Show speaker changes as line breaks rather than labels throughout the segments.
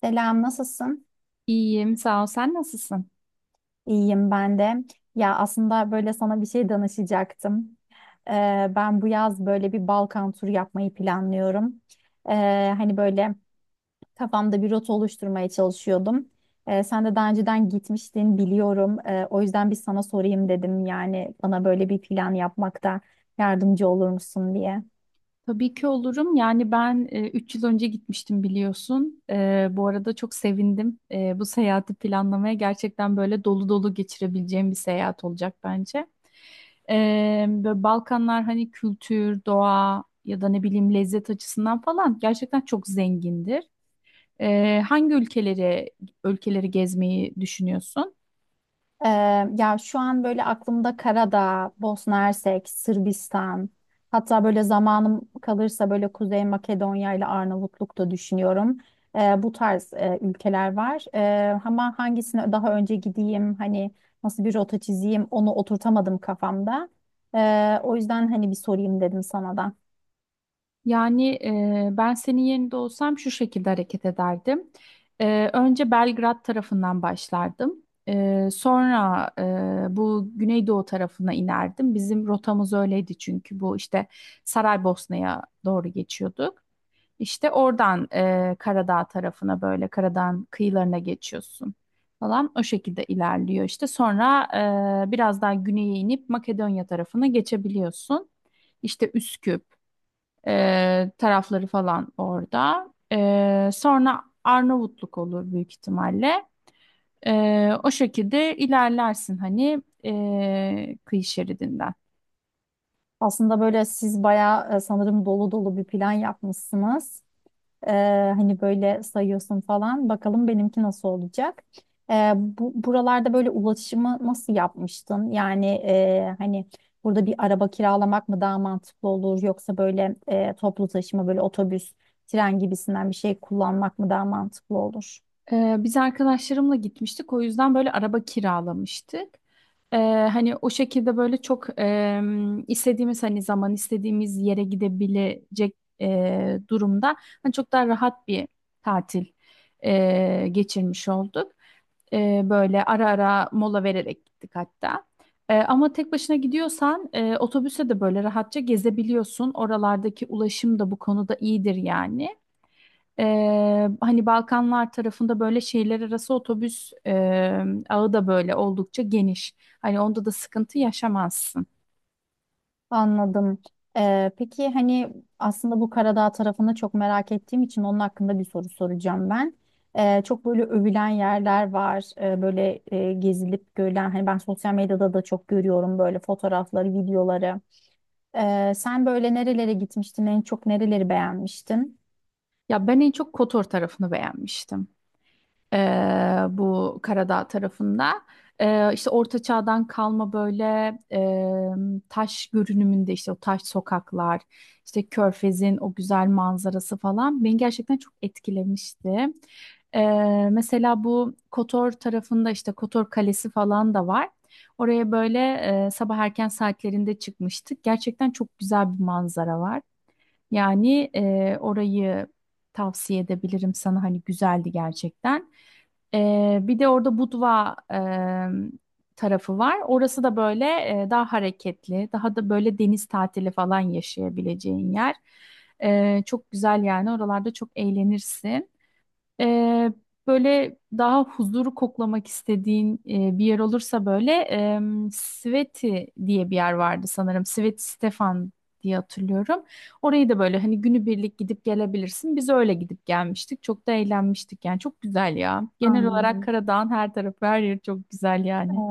Selam, nasılsın?
İyiyim, sağ ol. Sen nasılsın?
İyiyim ben de. Ya aslında böyle sana bir şey danışacaktım. Ee, Ben bu yaz böyle bir Balkan turu yapmayı planlıyorum. Hani böyle kafamda bir rota oluşturmaya çalışıyordum. Sen de daha önceden gitmiştin biliyorum. O yüzden bir sana sorayım dedim. Yani bana böyle bir plan yapmakta yardımcı olur musun diye.
Tabii ki olurum. Yani ben 3 yıl önce gitmiştim biliyorsun. Bu arada çok sevindim. Bu seyahati planlamaya gerçekten böyle dolu dolu geçirebileceğim bir seyahat olacak bence. Böyle Balkanlar hani kültür, doğa ya da ne bileyim lezzet açısından falan gerçekten çok zengindir. Hangi ülkeleri gezmeyi düşünüyorsun?
Ee, Ya şu an böyle aklımda Karadağ, Bosna Hersek, Sırbistan, hatta böyle zamanım kalırsa böyle Kuzey Makedonya ile Arnavutluk da düşünüyorum. Bu tarz ülkeler var. Ama hangisine daha önce gideyim, hani nasıl bir rota çizeyim onu oturtamadım kafamda. O yüzden hani bir sorayım dedim sana da.
Yani ben senin yerinde olsam şu şekilde hareket ederdim. Önce Belgrad tarafından başlardım. Sonra bu Güneydoğu tarafına inerdim. Bizim rotamız öyleydi çünkü bu işte Saraybosna'ya doğru geçiyorduk. İşte oradan Karadağ tarafına böyle Karadağ'ın kıyılarına geçiyorsun falan. O şekilde ilerliyor işte. Sonra biraz daha güneye inip Makedonya tarafına geçebiliyorsun. İşte Üsküp tarafları falan orada. Sonra Arnavutluk olur büyük ihtimalle. O şekilde ilerlersin hani kıyı şeridinden.
Aslında böyle siz bayağı sanırım dolu dolu bir plan yapmışsınız. Ee, Hani böyle sayıyorsun falan. Bakalım benimki nasıl olacak? Buralarda böyle ulaşımı nasıl yapmıştın? Yani hani burada bir araba kiralamak mı daha mantıklı olur? Yoksa böyle toplu taşıma böyle otobüs, tren gibisinden bir şey kullanmak mı daha mantıklı olur?
Biz arkadaşlarımla gitmiştik. O yüzden böyle araba kiralamıştık. Ee, hani o şekilde böyle çok istediğimiz hani zaman istediğimiz yere gidebilecek durumda hani çok daha rahat bir tatil geçirmiş olduk. Böyle ara ara mola vererek gittik hatta. Ama tek başına gidiyorsan otobüse de böyle rahatça gezebiliyorsun. Oralardaki ulaşım da bu konuda iyidir yani. Hani Balkanlar tarafında böyle şehirler arası otobüs ağı da böyle oldukça geniş. Hani onda da sıkıntı yaşamazsın.
Anladım. Peki hani aslında bu Karadağ tarafını çok merak ettiğim için onun hakkında bir soru soracağım ben. Çok böyle övülen yerler var. Böyle gezilip görülen hani ben sosyal medyada da çok görüyorum böyle fotoğrafları, videoları. Sen böyle nerelere gitmiştin? En çok nereleri beğenmiştin?
Ya ben en çok Kotor tarafını beğenmiştim. e, bu Karadağ tarafında. E, işte Orta Çağ'dan kalma böyle taş görünümünde işte o taş sokaklar, işte Körfez'in o güzel manzarası falan beni gerçekten çok etkilemişti. E, mesela bu Kotor tarafında işte Kotor Kalesi falan da var. Oraya böyle sabah erken saatlerinde çıkmıştık. Gerçekten çok güzel bir manzara var. Yani orayı tavsiye edebilirim sana hani güzeldi gerçekten. Bir de orada Budva tarafı var. Orası da böyle daha hareketli, daha da böyle deniz tatili falan yaşayabileceğin yer. Çok güzel yani oralarda çok eğlenirsin. Ee, böyle daha huzuru koklamak istediğin bir yer olursa böyle Sveti diye bir yer vardı sanırım. Sveti Stefan diye hatırlıyorum. Orayı da böyle hani günübirlik gidip gelebilirsin. Biz öyle gidip gelmiştik. Çok da eğlenmiştik yani. Çok güzel ya. Genel olarak
Anladım.
Karadağ'ın her tarafı her yeri çok güzel yani.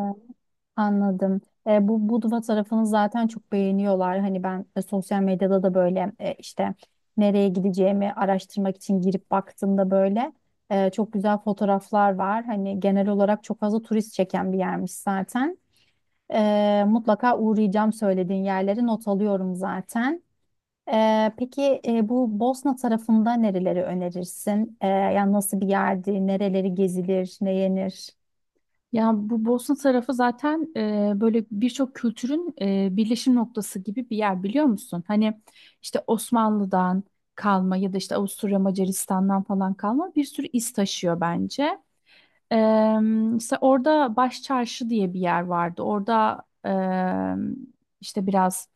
Anladım. Bu Budva tarafını zaten çok beğeniyorlar. Hani ben sosyal medyada da böyle işte nereye gideceğimi araştırmak için girip baktığımda böyle çok güzel fotoğraflar var. Hani genel olarak çok fazla turist çeken bir yermiş zaten. Mutlaka uğrayacağım söylediğin yerleri not alıyorum zaten. Peki bu Bosna tarafında nereleri önerirsin? Yani nasıl bir yerdi, nereleri gezilir, ne yenir?
Ya bu Bosna tarafı zaten böyle birçok kültürün birleşim noktası gibi bir yer biliyor musun? Hani işte Osmanlı'dan kalma ya da işte Avusturya Macaristan'dan falan kalma bir sürü iz taşıyor bence. E, işte orada Baş Çarşı diye bir yer vardı. Orada işte biraz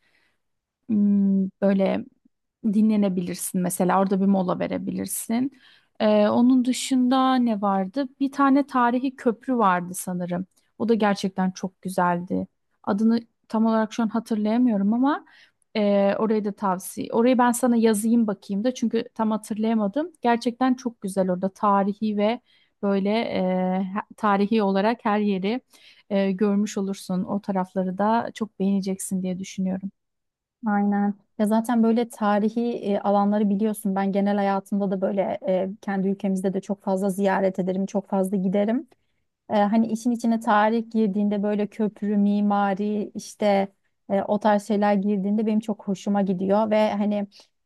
Böyle dinlenebilirsin mesela orada bir mola verebilirsin. Onun dışında ne vardı? Bir tane tarihi köprü vardı sanırım. O da gerçekten çok güzeldi. Adını tam olarak şu an hatırlayamıyorum ama orayı da tavsiye. Orayı ben sana yazayım bakayım da çünkü tam hatırlayamadım. Gerçekten çok güzel orada tarihi ve böyle tarihi olarak her yeri görmüş olursun. O tarafları da çok beğeneceksin diye düşünüyorum.
Aynen. Ya zaten böyle tarihi alanları biliyorsun. Ben genel hayatımda da böyle kendi ülkemizde de çok fazla ziyaret ederim, çok fazla giderim. Hani işin içine tarih girdiğinde böyle köprü, mimari işte o tarz şeyler girdiğinde benim çok hoşuma gidiyor ve hani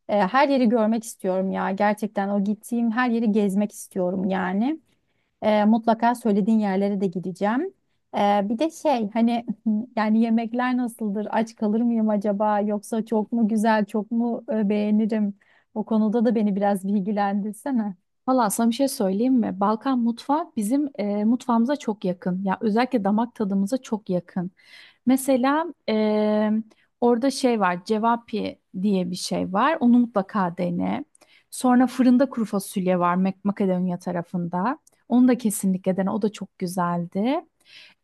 her yeri görmek istiyorum ya. Gerçekten o gittiğim her yeri gezmek istiyorum yani. Mutlaka söylediğin yerlere de gideceğim. E, Bir de şey hani yani yemekler nasıldır? Aç kalır mıyım acaba? Yoksa çok mu güzel, çok mu beğenirim? O konuda da beni biraz bilgilendirsene.
Valla sana bir şey söyleyeyim mi? Balkan mutfağı bizim mutfağımıza çok yakın. Ya özellikle damak tadımıza çok yakın. Mesela orada şey var, cevapi diye bir şey var. Onu mutlaka dene. Sonra fırında kuru fasulye var Makedonya tarafında. Onu da kesinlikle dene. O da çok güzeldi.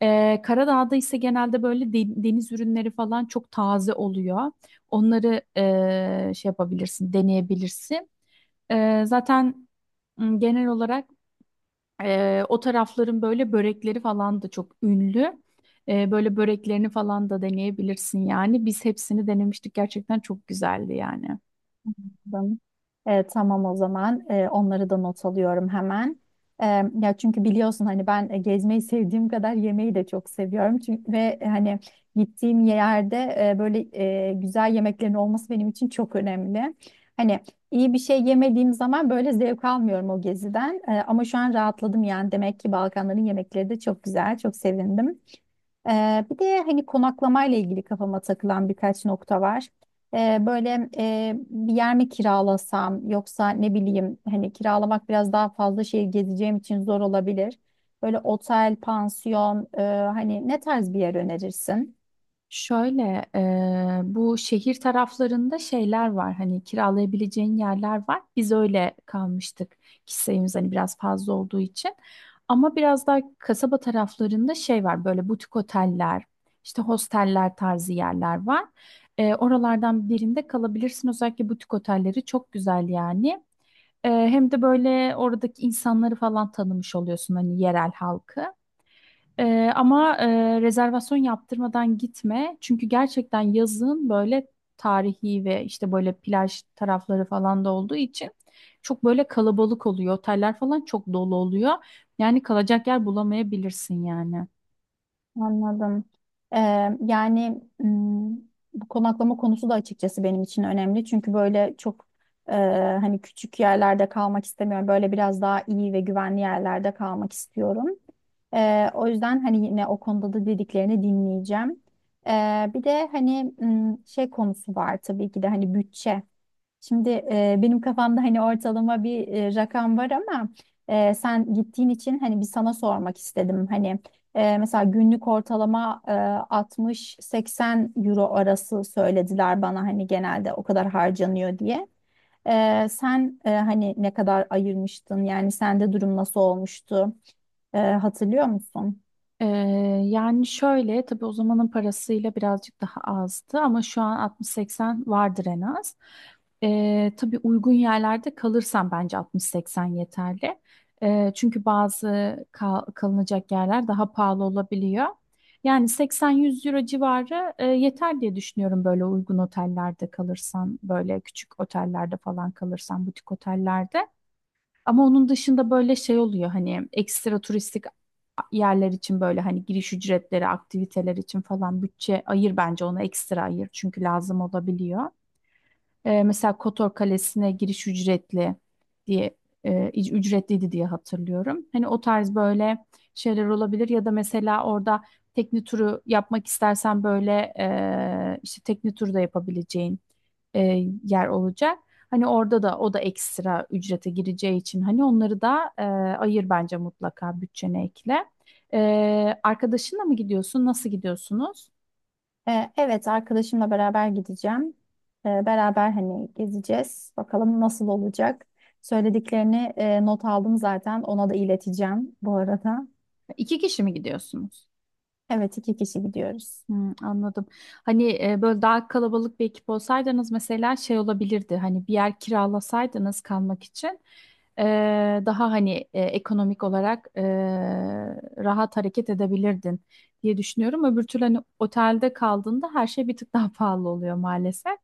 Karadağ'da ise genelde böyle deniz ürünleri falan çok taze oluyor. Onları şey yapabilirsin, deneyebilirsin. Zaten genel olarak o tarafların böyle börekleri falan da çok ünlü. Böyle böreklerini falan da deneyebilirsin yani. Biz hepsini denemiştik. Gerçekten çok güzeldi yani.
Anladım. Tamam, o zaman onları da not alıyorum hemen. E, Ya çünkü biliyorsun hani ben gezmeyi sevdiğim kadar yemeği de çok seviyorum. Çünkü ve hani gittiğim yerde böyle güzel yemeklerin olması benim için çok önemli. Hani iyi bir şey yemediğim zaman böyle zevk almıyorum o geziden. Ama şu an rahatladım yani demek ki Balkanların yemekleri de çok güzel. Çok sevindim. Bir de hani konaklamayla ilgili kafama takılan birkaç nokta var. Böyle bir yer mi kiralasam yoksa ne bileyim hani kiralamak biraz daha fazla şehir gezeceğim için zor olabilir. Böyle otel, pansiyon hani ne tarz bir yer önerirsin?
Şöyle bu şehir taraflarında şeyler var hani kiralayabileceğin yerler var. Biz öyle kalmıştık kişi sayımız hani biraz fazla olduğu için. Ama biraz daha kasaba taraflarında şey var böyle butik oteller işte hosteller tarzı yerler var. Oralardan birinde kalabilirsin özellikle butik otelleri çok güzel yani. Hem de böyle oradaki insanları falan tanımış oluyorsun hani yerel halkı. Ama rezervasyon yaptırmadan gitme. Çünkü gerçekten yazın böyle tarihi ve işte böyle plaj tarafları falan da olduğu için çok böyle kalabalık oluyor. Oteller falan çok dolu oluyor. Yani kalacak yer bulamayabilirsin yani.
Anladım. Ee, Yani bu konaklama konusu da açıkçası benim için önemli. Çünkü böyle çok e, hani küçük yerlerde kalmak istemiyorum. Böyle biraz daha iyi ve güvenli yerlerde kalmak istiyorum. O yüzden hani yine o konuda da dediklerini dinleyeceğim. Bir de hani şey konusu var tabii ki de hani bütçe. Şimdi benim kafamda hani ortalama bir rakam var ama sen gittiğin için hani bir sana sormak istedim. Hani mesela günlük ortalama 60-80 euro arası söylediler bana hani genelde o kadar harcanıyor diye. Sen hani ne kadar ayırmıştın yani sende durum nasıl olmuştu. Hatırlıyor musun?
Ee, yani şöyle tabii o zamanın parasıyla birazcık daha azdı ama şu an 60-80 vardır en az. Tabii uygun yerlerde kalırsam bence 60-80 yeterli. Çünkü bazı kalınacak yerler daha pahalı olabiliyor. Yani 80-100 euro civarı yeter diye düşünüyorum böyle uygun otellerde kalırsan, böyle küçük otellerde falan kalırsan, butik otellerde. Ama onun dışında böyle şey oluyor hani ekstra turistik yerler için böyle hani giriş ücretleri, aktiviteler için falan bütçe ayır bence ona ekstra ayır çünkü lazım olabiliyor. Mesela Kotor Kalesi'ne giriş diye e, ücretliydi diye hatırlıyorum. Hani o tarz böyle şeyler olabilir ya da mesela orada tekne turu yapmak istersen böyle işte tekne turu da yapabileceğin e, yer olacak. Hani orada da o da ekstra ücrete gireceği için hani onları da ayır bence mutlaka bütçene ekle. E, Arkadaşınla mı gidiyorsun? Nasıl gidiyorsunuz?
Evet, arkadaşımla beraber gideceğim. Beraber hani gezeceğiz. Bakalım nasıl olacak. Söylediklerini not aldım zaten. Ona da ileteceğim bu arada.
İki kişi mi gidiyorsunuz?
Evet, iki kişi gidiyoruz.
Hmm, anladım. Hani böyle daha kalabalık bir ekip olsaydınız mesela şey olabilirdi. Hani bir yer kiralasaydınız kalmak için e, daha hani ekonomik olarak rahat hareket edebilirdin diye düşünüyorum. Öbür türlü hani otelde kaldığında her şey bir tık daha pahalı oluyor maalesef.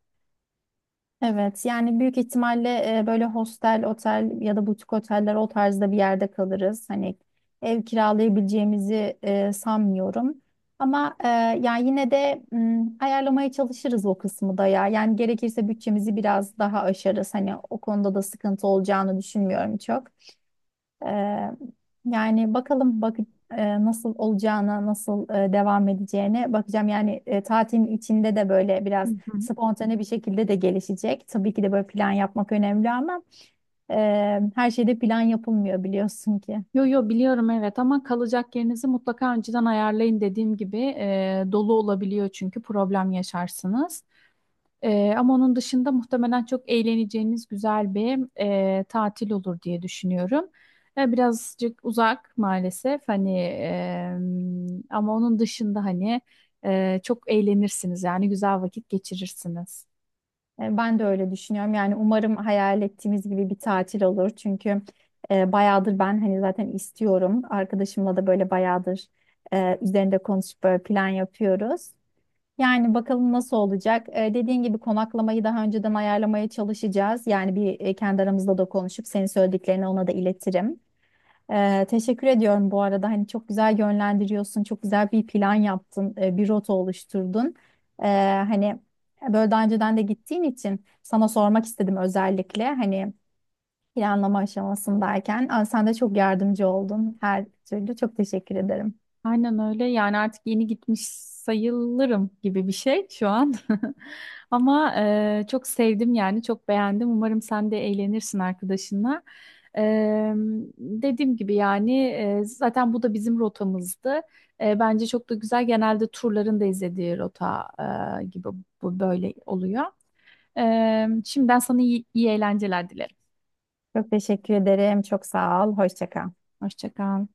Evet, yani büyük ihtimalle böyle hostel, otel ya da butik oteller o tarzda bir yerde kalırız. Hani ev kiralayabileceğimizi sanmıyorum. Ama yani yine de ayarlamaya çalışırız o kısmı da ya. Yani gerekirse bütçemizi biraz daha aşarız. Hani o konuda da sıkıntı olacağını düşünmüyorum çok. Ee, Yani bakalım nasıl olacağına, nasıl devam edeceğine bakacağım. Yani tatilin içinde de böyle
Hı
biraz
hı.
spontane bir şekilde de gelişecek. Tabii ki de böyle plan yapmak önemli ama e, her şeyde plan yapılmıyor biliyorsun ki.
Yo, yo, biliyorum, evet, ama kalacak yerinizi mutlaka önceden ayarlayın dediğim gibi dolu olabiliyor çünkü problem yaşarsınız. Ama onun dışında muhtemelen çok eğleneceğiniz güzel bir tatil olur diye düşünüyorum. Birazcık uzak maalesef hani ama onun dışında hani çok eğlenirsiniz yani güzel vakit geçirirsiniz.
Ben de öyle düşünüyorum. Yani umarım hayal ettiğimiz gibi bir tatil olur. Çünkü bayağıdır ben hani zaten istiyorum. Arkadaşımla da böyle bayağıdır üzerinde konuşup böyle plan yapıyoruz. Yani bakalım nasıl olacak. Dediğin gibi konaklamayı daha önceden ayarlamaya çalışacağız. Yani bir kendi aramızda da konuşup senin söylediklerini ona da iletirim. Teşekkür ediyorum bu arada. Hani çok güzel yönlendiriyorsun, çok güzel bir plan yaptın, bir rota oluşturdun. Ee, Hani böyle daha önceden de gittiğin için sana sormak istedim özellikle. Hani planlama aşamasındayken. Aa, sen de çok yardımcı oldun her türlü. Çok teşekkür ederim.
Aynen öyle. Yani artık yeni gitmiş sayılırım gibi bir şey şu an. Ama çok sevdim yani çok beğendim. Umarım sen de eğlenirsin arkadaşınla. E, dediğim gibi yani zaten bu da bizim rotamızdı. Bence çok da güzel. Genelde turların da izlediği rota gibi bu böyle oluyor. E, şimdiden sana iyi, iyi eğlenceler dilerim.
Çok teşekkür ederim. Çok sağ ol. Hoşça kal.
Hoşça kal.